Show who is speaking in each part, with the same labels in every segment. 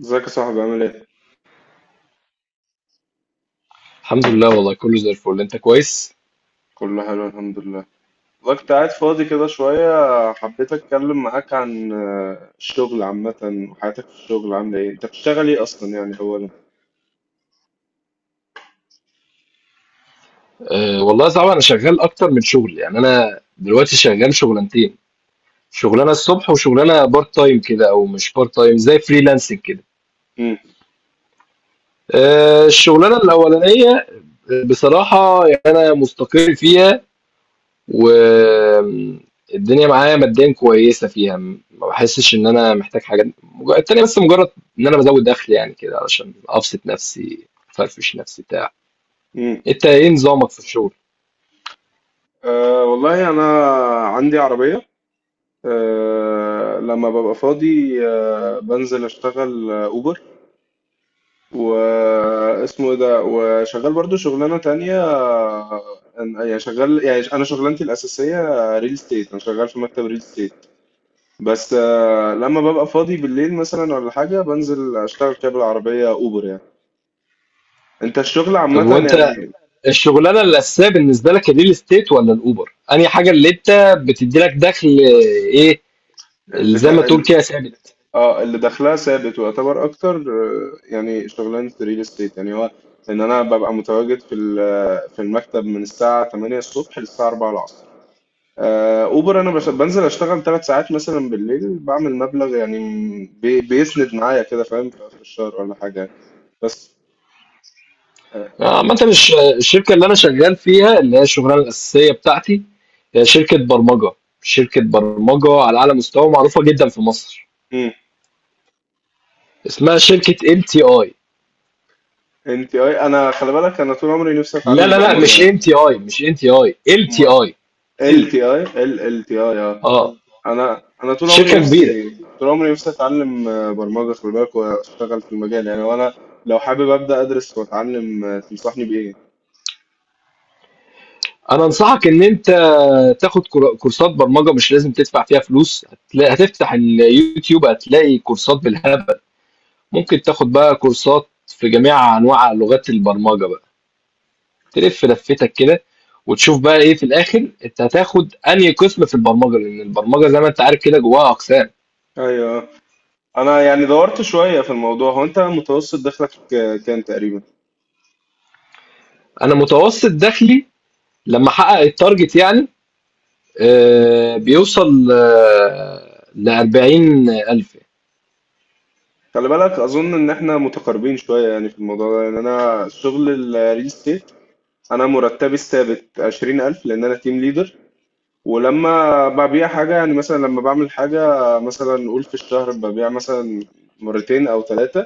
Speaker 1: ازيك يا صاحبي عامل ايه؟
Speaker 2: الحمد لله، والله كله زي الفل. انت كويس؟
Speaker 1: كله حلو الحمد لله. والله كنت قاعد فاضي كده شوية، حبيت اتكلم معاك عن الشغل عامة، وحياتك في الشغل عاملة ايه؟ انت بتشتغل ايه اصلا يعني اولا؟
Speaker 2: أه، والله طبعا انا شغال اكتر من شغل، يعني انا دلوقتي شغال شغلانتين: شغلانه الصبح وشغلانه بارت تايم كده، او مش بارت تايم، زي فريلانسنج كده.
Speaker 1: مم.
Speaker 2: أه، الشغلانه الاولانيه بصراحه يعني انا مستقر فيها، والدنيا معايا ماديا كويسه فيها. ما بحسش ان انا محتاج حاجه التانيه، بس مجرد ان انا بزود دخل يعني كده علشان ابسط نفسي افرفش نفسي بتاع.
Speaker 1: مم.
Speaker 2: انت ايه نظامك في الشغل؟
Speaker 1: أه، والله انا عندي عربية. لما ببقى فاضي بنزل اشتغل اوبر، واسمه ايه ده، وشغال برضو شغلانة تانية. يعني شغال، يعني انا شغلانتي الاساسية ريل ستيت، انا شغال في مكتب ريل ستيت، بس لما ببقى فاضي بالليل مثلا ولا حاجة بنزل أشتغل كده بالعربية أوبر يعني. أنت الشغل
Speaker 2: طب
Speaker 1: عامة
Speaker 2: وانت
Speaker 1: يعني؟
Speaker 2: الشغلانه الاساسيه بالنسبه لك الريل استيت ولا الاوبر؟ انهي حاجه اللي انت بتدي لك دخل؟
Speaker 1: بس
Speaker 2: ايه اللي
Speaker 1: اللي
Speaker 2: زي ما
Speaker 1: تا...
Speaker 2: تقول
Speaker 1: ال-
Speaker 2: كده ثابت؟
Speaker 1: اه، اللي دخلها ثابت ويعتبر أكتر، يعني شغلانة الريل استيت، يعني هو إن أنا ببقى متواجد في المكتب من الساعة 8 الصبح للساعة 4 العصر. أوبر أنا
Speaker 2: اه.
Speaker 1: بنزل أشتغل 3 ساعات مثلا بالليل، بعمل مبلغ يعني بيسند معايا كده، فاهم، في آخر الشهر ولا حاجة. بس. آه.
Speaker 2: عامه الشركه اللي انا شغال فيها اللي هي الشغلانه الاساسيه بتاعتي هي شركه برمجه، شركه برمجه على اعلى مستوى، معروفه جدا في مصر، اسمها شركه LTI.
Speaker 1: انت اي انا خلي بالك، انا طول عمري نفسي
Speaker 2: لا
Speaker 1: اتعلم
Speaker 2: لا لا،
Speaker 1: برمجه
Speaker 2: مش
Speaker 1: يعني.
Speaker 2: MTI، مش MTI، ال تي
Speaker 1: امال،
Speaker 2: اي
Speaker 1: ال
Speaker 2: ال،
Speaker 1: تي اي، ال تي اي، اه.
Speaker 2: اه،
Speaker 1: انا انا طول عمري
Speaker 2: شركه كبيره.
Speaker 1: نفسي، طول عمري نفسي اتعلم برمجه، خلي بالك، واشتغل في المجال يعني. وانا لو حابب ابدا ادرس واتعلم، تنصحني بايه؟
Speaker 2: أنا أنصحك إن أنت تاخد كورسات برمجة، مش لازم تدفع فيها فلوس، هتفتح اليوتيوب هتلاقي كورسات بالهبل، ممكن تاخد بقى كورسات في جميع أنواع لغات البرمجة بقى، تلف لفتك كده وتشوف بقى إيه في الآخر أنت هتاخد أنهي قسم في البرمجة، لأن البرمجة زي ما أنت عارف كده جواها أقسام.
Speaker 1: ايوه، انا يعني دورت شويه في الموضوع. هو انت متوسط دخلك كام تقريبا؟
Speaker 2: أنا متوسط دخلي لما أحقق التارجت يعني بيوصل، ل ل40,000.
Speaker 1: خلي بالك اظن ان احنا متقاربين شويه يعني في الموضوع ده. يعني انا شغل الريل ستيت، انا مرتبي الثابت 20000 لان انا تيم ليدر. ولما ببيع حاجة، يعني مثلا لما بعمل حاجة، مثلا نقول في الشهر ببيع مثلا مرتين أو ثلاثة،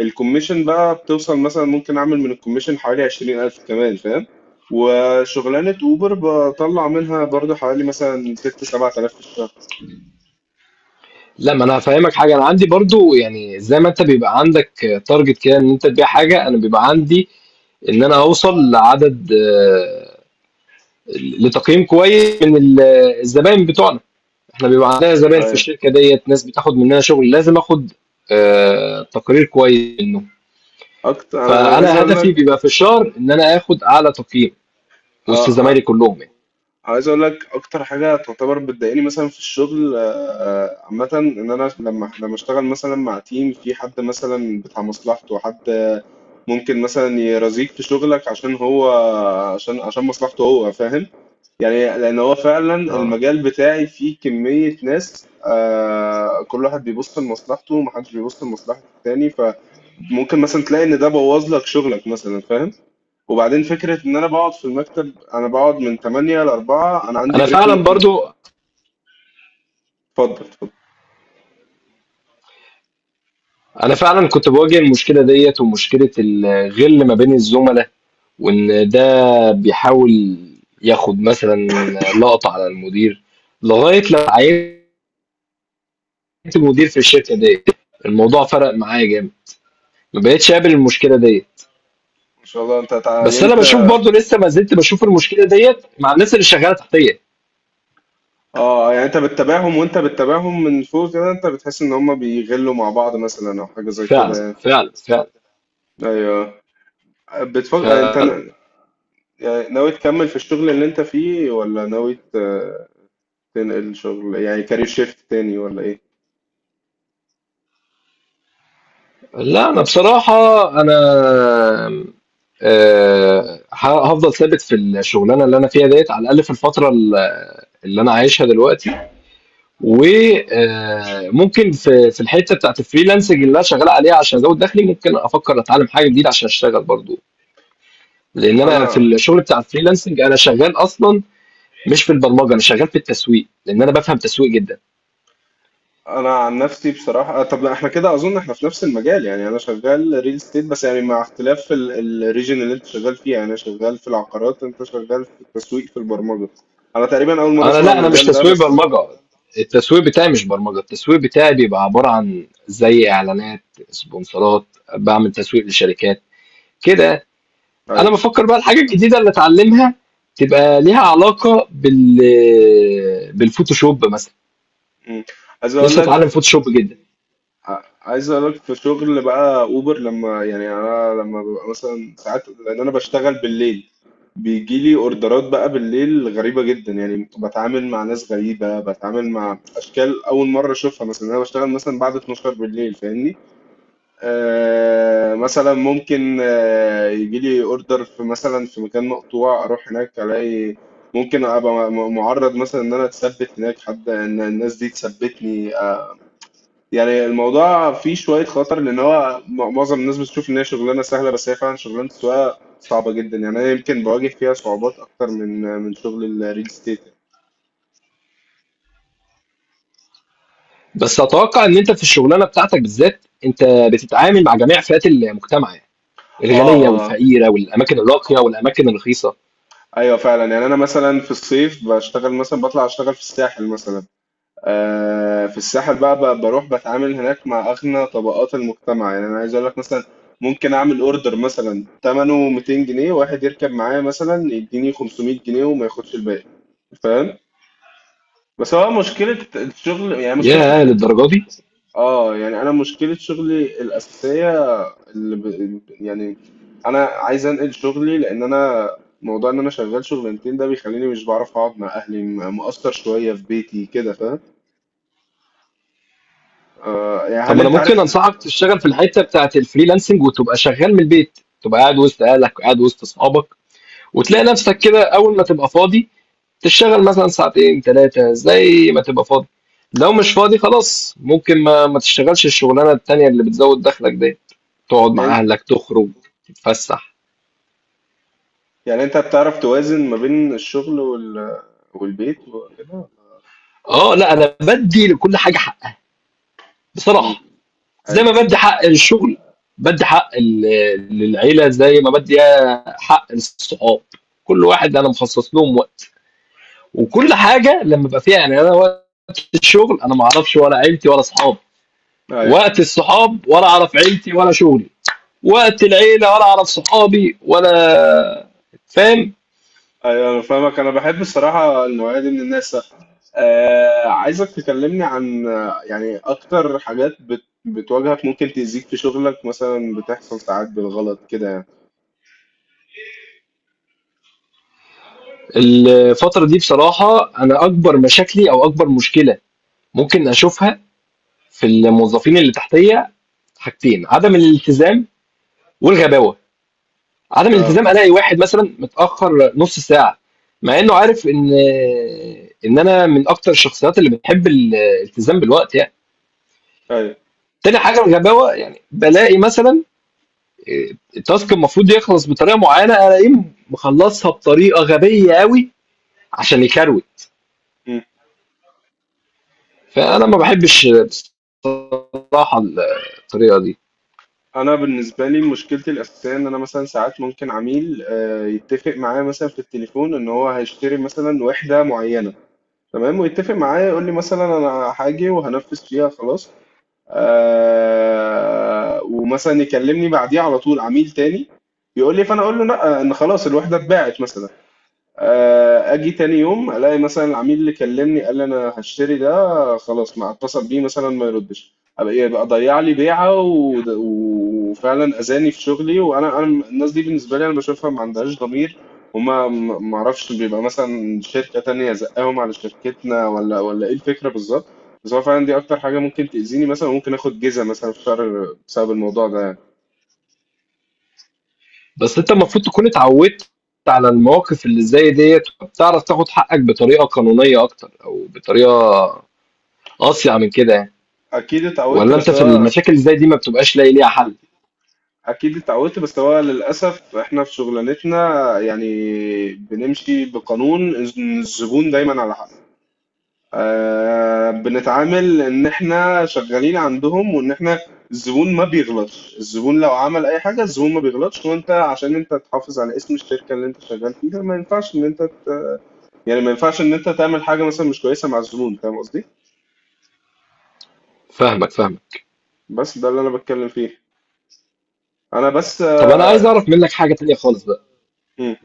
Speaker 1: الكوميشن بقى بتوصل مثلا، ممكن أعمل من الكوميشن حوالي 20000 كمان، فاهم. وشغلانة أوبر بطلع منها برضو حوالي مثلا ست سبعة آلاف في الشهر.
Speaker 2: لا، ما انا هافهمك حاجه. انا عندي برضو، يعني زي ما انت بيبقى عندك تارجت كده ان انت تبيع حاجه، انا بيبقى عندي ان انا اوصل لعدد، لتقييم كويس من الزباين بتوعنا. احنا بيبقى عندنا زباين في
Speaker 1: أيوة.
Speaker 2: الشركه ديت، ناس بتاخد مننا شغل، لازم اخد تقرير كويس منه.
Speaker 1: أكتر، أنا عايز
Speaker 2: فانا
Speaker 1: أقول
Speaker 2: هدفي
Speaker 1: لك.
Speaker 2: بيبقى في الشهر ان انا اخد اعلى تقييم وسط
Speaker 1: آه، آه،
Speaker 2: زمايلي كلهم يعني.
Speaker 1: عايز اقول لك اكتر حاجه تعتبر بتضايقني مثلا في الشغل، عامه، ان انا لما اشتغل مثلا مع تيم، في حد مثلا بتاع مصلحته، حد ممكن مثلا يرازيك في شغلك عشان هو، عشان مصلحته هو، فاهم. يعني لان هو فعلا
Speaker 2: اه،
Speaker 1: المجال بتاعي فيه كميه ناس، كل واحد بيبص لمصلحته ومحدش بيبص لمصلحه التاني، فممكن مثلا تلاقي ان ده بوظ لك شغلك مثلا، فاهم. وبعدين فكرة إن أنا بقعد في المكتب، أنا بقعد من 8 ل 4، أنا عندي
Speaker 2: انا
Speaker 1: بريك
Speaker 2: فعلا برضو.
Speaker 1: اتفضل اتفضل.
Speaker 2: انا فعلا كنت بواجه المشكله ديت، ومشكله الغل ما بين الزملاء، وان بيحاول ياخد مثلًا لقطة على المدير، لغاية لمّا عينت مدير في الشركة ديّة، الموضوع فرق معايا جامد، ما بقيتش أقابل المشكلة ديّة.
Speaker 1: ما شاء الله، أنت يعني
Speaker 2: بس أنا باشوف
Speaker 1: أنت.
Speaker 2: برضه لسه ما زلت باشوف المشكلة ديّة مع الناس اللي شغّالة تحتيّا.
Speaker 1: يعني أنت بتتابعهم، وأنت بتتابعهم من فوق كده، أنت بتحس إن هما بيغلوا مع بعض مثلا أو حاجة زي
Speaker 2: فعلًا،
Speaker 1: كده يعني.
Speaker 2: فعلًا، فعلًا.
Speaker 1: أيوه. بتفكر أنت
Speaker 2: فعلًا.
Speaker 1: يعني ناوي تكمل في الشغل اللي أنت فيه، ولا ناوي تنقل شغل، يعني كارير شيفت تاني، ولا إيه؟
Speaker 2: لأ، أنا بصراحة أنا ه هافضل ثابت في الشغلانة اللي أنا فيها ديّة، على الأقل في الفترة اللي أنا عايشها دلوقتي. وممكن في الحته بتاعت الفريلانسنج اللي انا شغال عليها عشان ازود دخلي، ممكن افكر اتعلم حاجه جديده عشان اشتغل برضو، لان انا في
Speaker 1: أنا
Speaker 2: الشغل بتاع الفريلانسنج انا شغال اصلا مش في البرمجه. انا شغال في التسويق لان انا بفهم تسويق جدا.
Speaker 1: انا عن نفسي بصراحه، طب، احنا كده اظن احنا في نفس المجال يعني. انا شغال ريل استيت، بس يعني مع اختلاف الريجن اللي انت شغال فيها. يعني انا شغال في العقارات، انت شغال في التسويق في البرمجه. انا تقريبا اول مره اسمع
Speaker 2: لا، انا مش
Speaker 1: المجال ده،
Speaker 2: تسويق
Speaker 1: بس.
Speaker 2: برمجه. التسويق بتاعي مش برمجه، التسويق بتاعي بيبقى عباره عن زي اعلانات، سبونسرات، بعمل تسويق لشركات كده. انا
Speaker 1: طيب.
Speaker 2: بفكر بقى الحاجه الجديده اللي اتعلمها تبقى ليها علاقه بالفوتوشوب مثلا.
Speaker 1: مم. عايز اقول
Speaker 2: نفسي
Speaker 1: لك،
Speaker 2: اتعلم فوتوشوب جدا.
Speaker 1: عايز اقول لك، في شغل بقى اوبر، لما يعني انا لما ببقى مثلا ساعات، لان انا بشتغل بالليل، بيجي لي اوردرات بقى بالليل غريبه جدا. يعني بتعامل مع ناس غريبه، بتعامل مع اشكال اول مره اشوفها. مثلا انا بشتغل مثلا بعد 12 بالليل، فاهمني. مثلا ممكن يجي لي اوردر في مثلا في مكان مقطوع، اروح هناك الاقي ممكن ابقى معرض مثلا ان انا اتثبت هناك، حد ان الناس دي تثبتني. يعني الموضوع فيه شوية خطر، لأن هو معظم الناس بتشوف إن هي شغلانة سهلة، بس هي فعلا شغلانة السواقة صعبة جدا. يعني أنا يمكن بواجه فيها صعوبات أكتر من شغل الريل استيت.
Speaker 2: بس اتوقع ان انت في الشغلانه بتاعتك بالذات انت بتتعامل مع جميع فئات المجتمع، يعني
Speaker 1: آه
Speaker 2: الغنيه
Speaker 1: آه،
Speaker 2: والفقيره، والاماكن الراقيه والاماكن الرخيصه.
Speaker 1: أيوه فعلا. يعني أنا مثلا في الصيف بشتغل، مثلا بطلع أشتغل في الساحل مثلا. في الساحل بقى، بروح بتعامل هناك مع أغنى طبقات المجتمع. يعني أنا عايز أقول لك مثلا ممكن أعمل أوردر مثلا تمنه 200 جنيه، واحد يركب معايا مثلا يديني 500 جنيه وما ياخدش الباقي، فاهم. بس هو مشكلة الشغل، يعني مشكلة
Speaker 2: يا
Speaker 1: شغل.
Speaker 2: للدرجه دي.
Speaker 1: اه، يعني انا مشكلة شغلي الأساسية يعني انا عايز انقل شغلي، لان انا موضوع ان انا شغال شغلانتين ده بيخليني مش بعرف اقعد مع اهلي، مقصر شوية في بيتي كده، فاهم. يعني
Speaker 2: طب
Speaker 1: هل
Speaker 2: ما انا
Speaker 1: انت
Speaker 2: ممكن
Speaker 1: عارف؟
Speaker 2: انصحك تشتغل في الحته بتاعت الفريلانسنج وتبقى شغال من البيت، تبقى قاعد وسط اهلك، قاعد وسط اصحابك، وتلاقي نفسك كده اول ما تبقى فاضي تشتغل مثلا ساعتين ثلاثه زي ما تبقى فاضي. لو مش فاضي خلاص ممكن ما تشتغلش الشغلانه التانيه اللي بتزود دخلك دي، تقعد
Speaker 1: يعني،
Speaker 2: مع اهلك، تخرج، تتفسح.
Speaker 1: يعني انت بتعرف توازن ما بين الشغل والبيت وكده.
Speaker 2: اه لا، انا بدي لكل حاجه حقها
Speaker 1: امم.
Speaker 2: بصراحه. زي
Speaker 1: ايوه.
Speaker 2: ما بدي حق الشغل، بدي حق للعيله، زي ما بدي حق الصحاب. كل واحد انا مخصص لهم وقت، وكل حاجه لما بقى فيها يعني. انا وقت الشغل انا ما اعرفش ولا عيلتي ولا صحابي،
Speaker 1: ايوه،
Speaker 2: وقت الصحاب ولا اعرف عيلتي ولا شغلي، وقت العيله ولا اعرف صحابي ولا. فاهم؟
Speaker 1: ايوه، انا فاهمك. انا بحب الصراحه النوعيه دي من الناس. عايزك تكلمني عن يعني اكتر حاجات بتواجهك، ممكن تأذيك في شغلك. مثلا بتحصل ساعات بالغلط كده يعني.
Speaker 2: الفتره دي بصراحه انا اكبر مشاكلي او اكبر مشكله ممكن اشوفها في الموظفين اللي تحتيه حاجتين: عدم الالتزام والغباوه. عدم
Speaker 1: اه.
Speaker 2: الالتزام، الاقي واحد مثلا متاخر نص ساعه، مع انه عارف ان انا من اكتر الشخصيات اللي بتحب الالتزام بالوقت يعني.
Speaker 1: ايوه.
Speaker 2: تاني حاجه الغباوه، يعني بلاقي مثلا إيه، التاسك المفروض يخلص بطريقه معينه الاقيه مخلصها بطريقه غبيه قوي عشان يكروت.
Speaker 1: مم. آه،
Speaker 2: فانا ما بحبش بصراحه الطريقه دي.
Speaker 1: انا بالنسبه لي مشكلتي الاساسيه ان انا مثلا ساعات ممكن عميل يتفق معايا مثلا في التليفون ان هو هيشتري مثلا وحده معينه. تمام، ويتفق معايا يقول لي مثلا انا هاجي وهنفذ فيها، خلاص. ومثلا يكلمني بعديها على طول عميل تاني، يقول لي، فانا اقول له لا، ان خلاص الوحده اتباعت مثلا. اجي تاني يوم الاقي مثلا العميل اللي كلمني قال لي انا هشتري ده، خلاص ما اتصل بيه مثلا، ما يردش. ابقى ايه؟ بقى ضيع لي بيعه، وفعلا اذاني في شغلي. وانا انا الناس دي بالنسبه لي انا بشوفها ما عندهاش ضمير. وما ما ما اعرفش، بيبقى مثلا شركه تانية زقاهم على شركتنا ولا ايه الفكره بالظبط. بس هو فعلا دي اكتر حاجه ممكن تاذيني، مثلا ممكن اخد جزءه مثلا في شهر بسبب الموضوع ده يعني.
Speaker 2: بس أنت المفروض تكون اتعودت على المواقف اللي زي ديّة، فبتعرف تاخد حقك بطريقة قانونية أكتر، أو بطريقة أصيع من كده يعني.
Speaker 1: اكيد اتعودت
Speaker 2: والّا أنت
Speaker 1: بس
Speaker 2: في
Speaker 1: هو
Speaker 2: المشاكل اللي زي دي ما بتبقاش لاقي ليها حل؟
Speaker 1: اكيد اتعودت، بس هو للاسف احنا في شغلانتنا، يعني بنمشي بقانون إن الزبون دايما على حق. بنتعامل ان احنا شغالين عندهم، وان احنا، الزبون ما بيغلطش، الزبون لو عمل اي حاجه الزبون ما بيغلطش، وانت عشان انت تحافظ على اسم الشركه اللي انت شغال فيها ما ينفعش ان انت، يعني ما ينفعش ان انت تعمل حاجه مثلا مش كويسه مع الزبون، فاهم قصدي.
Speaker 2: فاهمك، فاهمك.
Speaker 1: بس ده اللي انا بتكلم فيه. انا بس.
Speaker 2: طب أنا عايز أعرف منّك حاجة تانية خالص بقى.
Speaker 1: آه،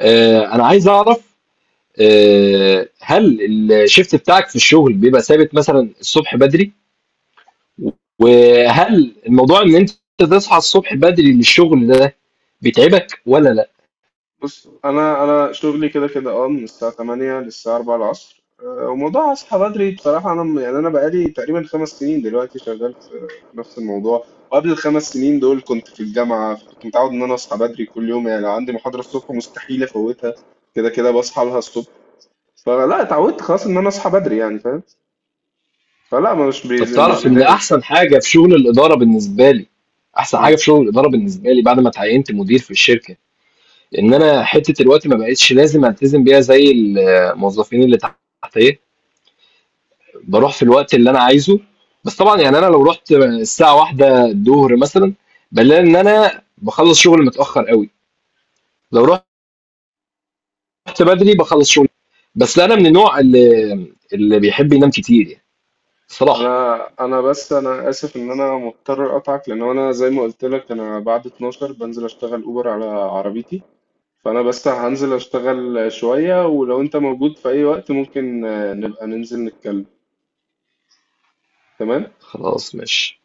Speaker 2: أنا عايز أعرف، هل الShift بتاعك في الشغل بيبقى ثابت، مثلًا الصبح بدري؟ وهل الموضوع إن أنت تصحى الصبح بدري للشغل ده بيتعبك والّا لأ؟
Speaker 1: بص، انا انا شغلي كده كده، من الساعه 8 للساعه 4 العصر. وموضوع اصحى بدري بصراحه، انا، يعني انا بقالي تقريبا 5 سنين دلوقتي شغال في نفس الموضوع. وقبل الـ 5 سنين دول كنت في الجامعه، كنت متعود ان انا اصحى بدري كل يوم. يعني لو عندي محاضره الصبح مستحيل افوتها، كده كده بصحى لها الصبح. فلا اتعودت خلاص ان انا اصحى بدري، يعني، فاهم. فلا، ما مش
Speaker 2: طب
Speaker 1: بيز... مش
Speaker 2: تعرف ان
Speaker 1: بدائم.
Speaker 2: احسن حاجه في شغل الاداره بالنسبه لي، احسن
Speaker 1: م.
Speaker 2: حاجه في شغل الاداره بالنسبه لي بعد ما اتعينت مدير في الشركه، ان انا حته الوقت ما بقتش لازم التزم بيها زي الموظفين اللي تحتيه. بروح في الوقت اللي انا عايزه. بس طبعا يعني انا لو رحت الساعه واحدة الظهر مثلا بلاقي ان انا بخلص شغل متاخر قوي. لو رحت بدري بخلص شغل. بس انا من النوع اللي بيحب ينام كتير يعني بصراحه.
Speaker 1: انا انا بس انا اسف ان انا مضطر اقطعك، لان انا زي ما قلت لك انا بعد 12 بنزل اشتغل اوبر على عربيتي. فأنا بس هنزل أشتغل شوية، ولو أنت موجود في أي وقت ممكن نبقى ننزل نتكلم، تمام؟
Speaker 2: خلاص ماشي.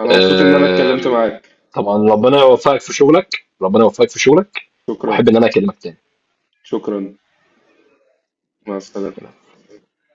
Speaker 1: أنا مبسوط إن أنا اتكلمت
Speaker 2: آم،
Speaker 1: معاك.
Speaker 2: طبعا ربنا يوفقك في شغلك. ربنا يوفقك في شغلك.
Speaker 1: شكرا.
Speaker 2: واحب ان انا اكلمك تاني.
Speaker 1: شكرا، مع السلامة.